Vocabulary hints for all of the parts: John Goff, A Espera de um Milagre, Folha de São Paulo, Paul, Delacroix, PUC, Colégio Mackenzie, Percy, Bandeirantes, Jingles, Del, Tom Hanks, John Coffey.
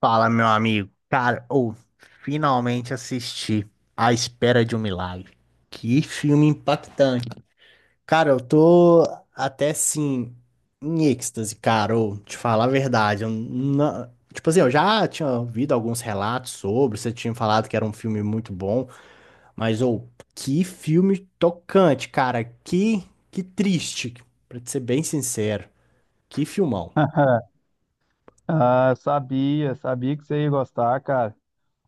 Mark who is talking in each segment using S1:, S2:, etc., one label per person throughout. S1: Fala, meu amigo. Cara, ou finalmente assisti A Espera de um Milagre. Que filme impactante. Cara, eu tô até assim em êxtase, cara. Ou, te falar a verdade, eu não... Tipo assim, eu já tinha ouvido alguns relatos sobre, você tinha falado que era um filme muito bom, mas ou que filme tocante, cara. Que triste, pra te ser bem sincero. Que filmão.
S2: Ah, sabia que você ia gostar, cara.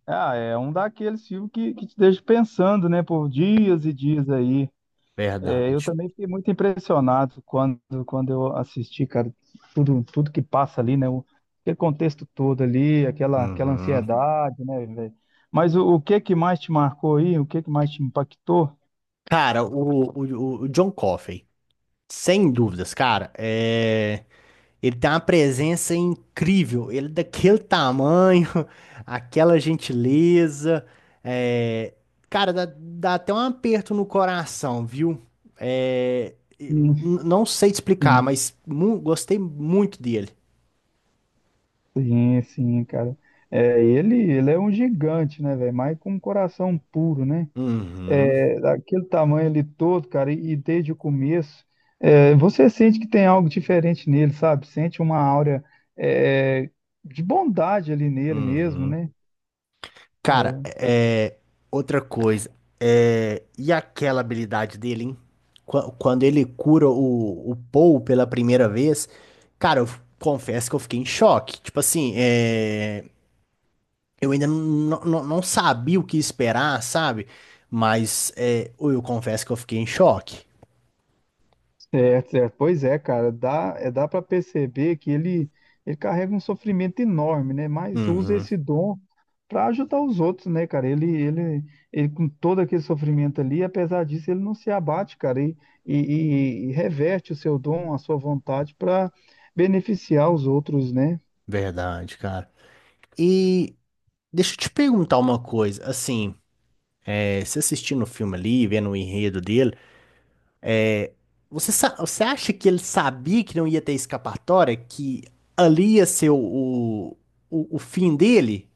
S2: Ah, é um daqueles filmes que te deixa pensando, né, por dias e dias aí. É, eu
S1: Verdade.
S2: também fiquei muito impressionado quando eu assisti, cara, tudo que passa ali, né, aquele contexto todo ali, aquela
S1: Uhum.
S2: ansiedade, né, velho. Mas o que que mais te marcou aí? O que que mais te impactou?
S1: Cara, o John Coffey, sem dúvidas, cara, é... ele tem uma presença incrível. Ele é daquele tamanho, aquela gentileza. é, Cara, dá até um aperto no coração, viu?
S2: Sim,
S1: Não sei te explicar,
S2: sim,
S1: mas gostei muito dele.
S2: sim, sim, cara. É, ele é um gigante, né, velho, mas com um coração puro, né?
S1: Uhum,
S2: É, daquele tamanho ali todo, cara, e desde o começo, você sente que tem algo diferente nele, sabe? Sente uma áurea, é, de bondade ali nele mesmo,
S1: uhum.
S2: né?
S1: Cara,
S2: É,
S1: é, outra coisa. É, e aquela habilidade dele, hein? Quando ele cura o Paul pela primeira vez, cara, confesso que eu fiquei em choque. Tipo assim, é, eu ainda não sabia o que esperar, sabe? Mas é, eu confesso que eu fiquei em choque.
S2: certo, certo. Pois é, cara, dá para perceber que ele carrega um sofrimento enorme, né? Mas usa
S1: Uhum,
S2: esse dom para ajudar os outros, né, cara? Ele, com todo aquele sofrimento ali, apesar disso, ele não se abate, cara, e, e reverte o seu dom, a sua vontade para beneficiar os outros, né?
S1: verdade, cara. E deixa eu te perguntar uma coisa. Assim, é, você assistindo o filme ali, vendo o enredo dele. Você acha que ele sabia que não ia ter escapatória? Que ali ia ser o fim dele?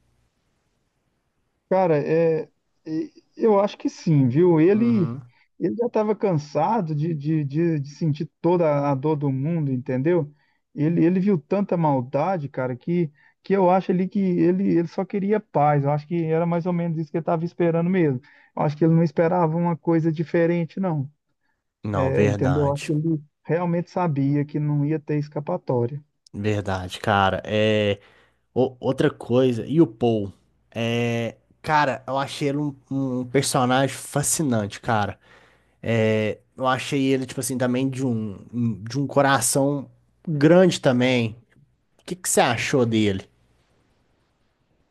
S2: Cara, eu acho que sim, viu? Ele,
S1: Uhum.
S2: ele já estava cansado de sentir toda a dor do mundo, entendeu? Ele viu tanta maldade, cara, que eu acho ali que ele só queria paz. Eu acho que era mais ou menos isso que ele estava esperando mesmo. Eu acho que ele não esperava uma coisa diferente, não.
S1: Não,
S2: É, entendeu? Eu acho que
S1: verdade.
S2: ele realmente sabia que não ia ter escapatória.
S1: Verdade, cara. É, outra coisa, e o Paul? É, cara, eu achei ele um, um personagem fascinante, cara. É, eu achei ele, tipo assim, também de um, de um coração grande também. O que que você achou dele?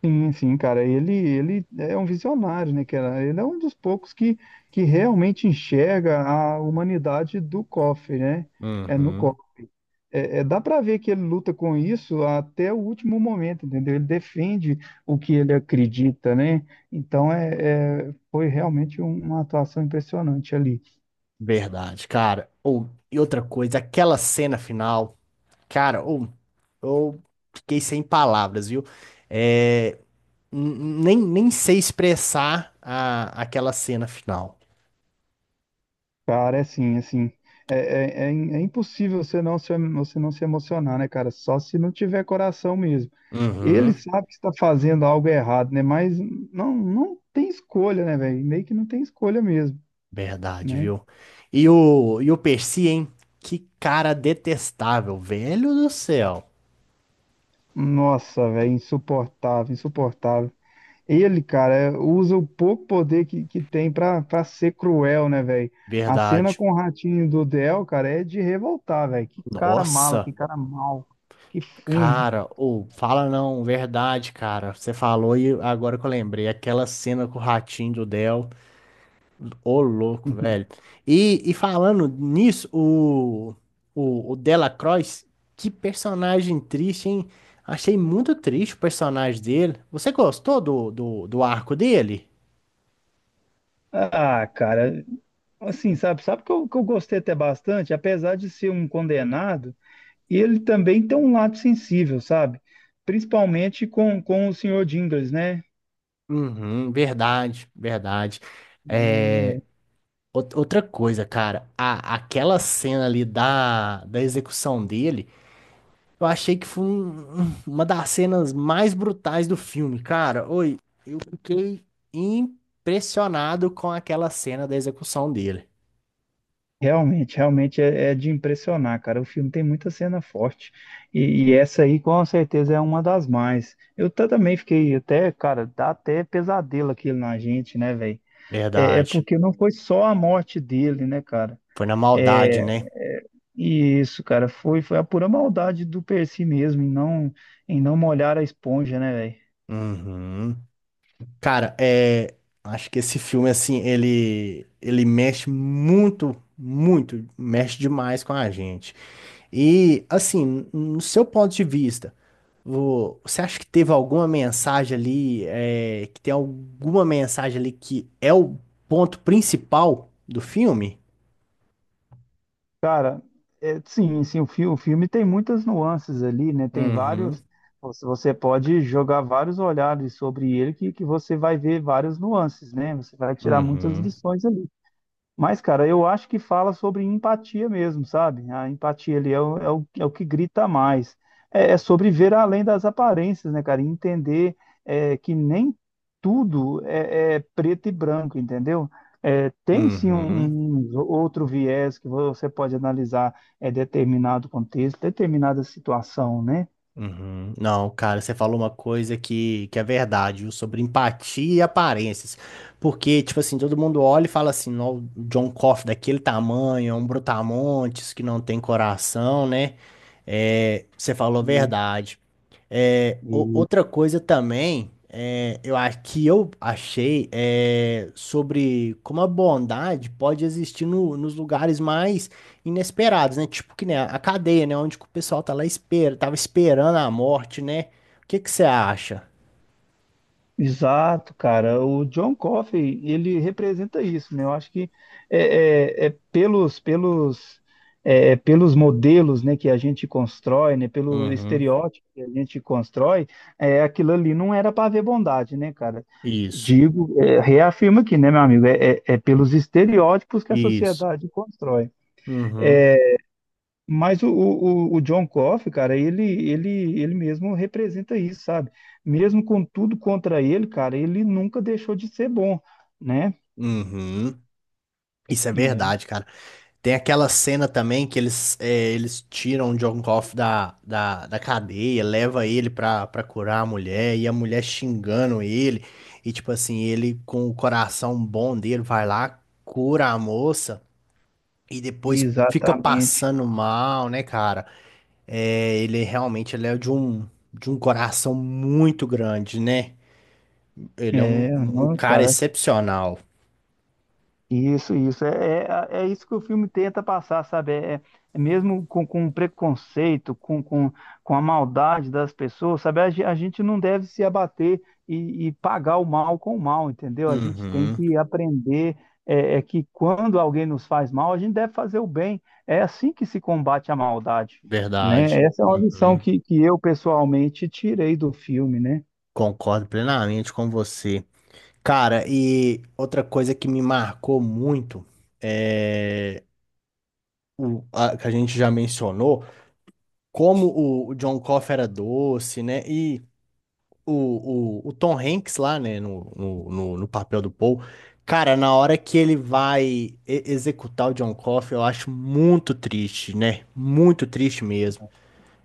S2: Sim, sim, cara, ele é um visionário, né, cara? Ele é um dos poucos que realmente enxerga a humanidade do cofre, né? É no
S1: Uhum.
S2: cofre. Dá para ver que ele luta com isso até o último momento, entendeu? Ele defende o que ele acredita, né? Então foi realmente uma atuação impressionante ali.
S1: Verdade, cara. Ou, e outra coisa, aquela cena final, cara, ou, eu fiquei sem palavras, viu? É, n- nem sei expressar a, aquela cena final.
S2: Cara, é assim, assim, é impossível você não se emocionar, né, cara? Só se não tiver coração mesmo. Ele
S1: Uhum,
S2: sabe que está fazendo algo errado, né? Mas não, não tem escolha, né, velho? Meio que não tem escolha mesmo,
S1: verdade,
S2: né?
S1: viu? E o Percy, hein? Que cara detestável, velho do céu.
S2: Nossa, velho, insuportável, insuportável. Ele, cara, usa o pouco poder que tem pra ser cruel, né, velho? A cena
S1: Verdade.
S2: com o ratinho do Del, cara, é de revoltar, velho. Que cara mala,
S1: Nossa,
S2: que cara mal, que fumo.
S1: cara, ou fala não, verdade, cara. Você falou e agora que eu lembrei, aquela cena com o ratinho do Del. Ô, louco, velho. E falando nisso, o Delacroix, que personagem triste, hein? Achei muito triste o personagem dele. Você gostou do arco dele?
S2: Ah, cara, assim, sabe que eu gostei até bastante, apesar de ser um condenado. E ele também tem um lado sensível, sabe? Principalmente com o senhor Jingles, né?
S1: Uhum, verdade, verdade.
S2: É,
S1: É, outra coisa, cara, a, aquela cena ali da, da execução dele. Eu achei que foi uma das cenas mais brutais do filme, cara. Oi, eu fiquei impressionado com aquela cena da execução dele.
S2: realmente, realmente é de impressionar, cara. O filme tem muita cena forte. E essa aí, com certeza, é uma das mais. Eu também fiquei até, cara, dá até pesadelo aquilo na gente, né, velho? É
S1: Verdade.
S2: porque não foi só a morte dele, né, cara?
S1: Foi na
S2: É,
S1: maldade, né?
S2: é, isso, cara, foi a pura maldade do Percy mesmo em não molhar a esponja, né, velho?
S1: Uhum. Cara, é, acho que esse filme, assim, ele mexe muito, muito, mexe demais com a gente. E, assim, no seu ponto de vista, você acha que teve alguma mensagem ali, é, que tem alguma mensagem ali que é o ponto principal do filme?
S2: Cara, é, sim, sim, o filme tem muitas nuances ali, né? Tem
S1: Uhum,
S2: vários. Você pode jogar vários olhares sobre ele que você vai ver várias nuances, né? Você vai tirar muitas
S1: uhum,
S2: lições ali. Mas, cara, eu acho que fala sobre empatia mesmo, sabe? A empatia ali é o que grita mais. É, é sobre ver além das aparências, né, cara? E entender que nem tudo é preto e branco, entendeu? É, tem sim
S1: uhum,
S2: um outro viés que você pode analisar, determinado contexto, determinada situação, né?
S1: uhum. Não, cara, você falou uma coisa que é verdade, viu, sobre empatia e aparências. Porque, tipo assim, todo mundo olha e fala assim, "Nó, o John Coffey daquele tamanho, é um brutamontes que não tem coração, né? É, você falou a
S2: Isso.
S1: verdade. É, outra coisa também, é, eu acho que eu achei é, sobre como a bondade pode existir nos lugares mais inesperados, né? Tipo que né, a cadeia, né? Onde que o pessoal tá lá espera, tava esperando a morte, né? O que que você acha?
S2: Exato, cara. O John Coffey, ele representa isso, né? Eu acho que é, é- é pelos, pelos, é pelos modelos, né, que a gente constrói, né, pelo
S1: Uhum.
S2: estereótipo que a gente constrói, é, aquilo ali não era para ver bondade, né, cara?
S1: Isso,
S2: Digo, reafirmo aqui, né, meu amigo? É pelos estereótipos que a
S1: isso.
S2: sociedade constrói. É,
S1: Uhum.
S2: mas o John Coffey, cara, ele mesmo representa isso, sabe? Mesmo com tudo contra ele, cara, ele nunca deixou de ser bom, né?
S1: Uhum. Isso é
S2: É,
S1: verdade, cara. Tem aquela cena também que eles, é, eles tiram o John Goff da cadeia, leva ele pra, pra curar a mulher, e a mulher xingando ele, e tipo assim, ele com o coração bom dele vai lá, cura a moça, e depois fica
S2: exatamente.
S1: passando mal, né, cara? É, ele realmente ele é de um coração muito grande, né? Ele é um,
S2: É,
S1: um
S2: não,
S1: cara
S2: cara,
S1: excepcional.
S2: isso, isso. É isso que o filme tenta passar, sabe? É mesmo com o preconceito, com a maldade das pessoas, sabe? A gente não deve se abater e pagar o mal com o mal, entendeu? A gente tem
S1: Uhum,
S2: que aprender que quando alguém nos faz mal, a gente deve fazer o bem. É assim que se combate a maldade,
S1: verdade.
S2: né? Essa é uma lição
S1: Uhum.
S2: que eu pessoalmente tirei do filme, né?
S1: Concordo plenamente com você. Cara, e outra coisa que me marcou muito é o a, que a gente já mencionou, como o John Coffey era doce, né? E o Tom Hanks lá, né, no papel do Paul. Cara, na hora que ele vai executar o John Coffey, eu acho muito triste, né? Muito triste mesmo.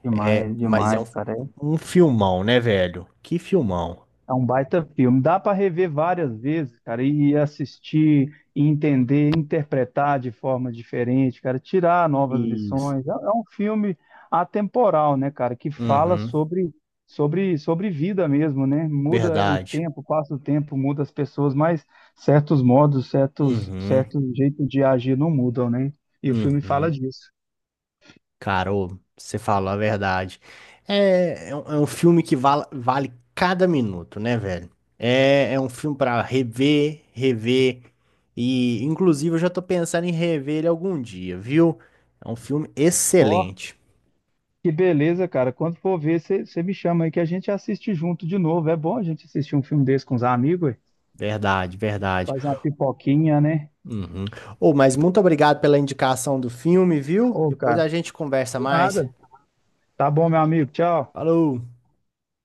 S2: Demais,
S1: Mas é
S2: demais,
S1: um,
S2: cara. É
S1: um filmão, né, velho? Que filmão.
S2: É um baita filme. Dá para rever várias vezes, cara, e assistir, e entender, interpretar de forma diferente, cara, tirar novas
S1: Isso.
S2: lições. É um filme atemporal, né, cara, que fala
S1: Uhum,
S2: sobre vida mesmo, né? Muda o
S1: verdade.
S2: tempo, passa o tempo, muda as pessoas, mas certos modos, certos
S1: Uhum,
S2: certos jeitos de agir não mudam, né? E o filme fala
S1: uhum.
S2: disso.
S1: Cara, ô, você falou a verdade. É, é um filme que vale cada minuto, né, velho? É, é um filme pra rever, rever. E, inclusive, eu já tô pensando em rever ele algum dia, viu? É um filme
S2: Ó,
S1: excelente.
S2: que beleza, cara. Quando for ver, você me chama aí que a gente assiste junto de novo. É bom a gente assistir um filme desse com os amigos, ué.
S1: Verdade, verdade.
S2: Faz uma pipoquinha, né?
S1: Uhum. Ô, mas muito obrigado pela indicação do filme, viu?
S2: Ô,
S1: Depois
S2: cara,
S1: a gente conversa
S2: de
S1: mais.
S2: nada. Tá bom, meu amigo. Tchau.
S1: Falou!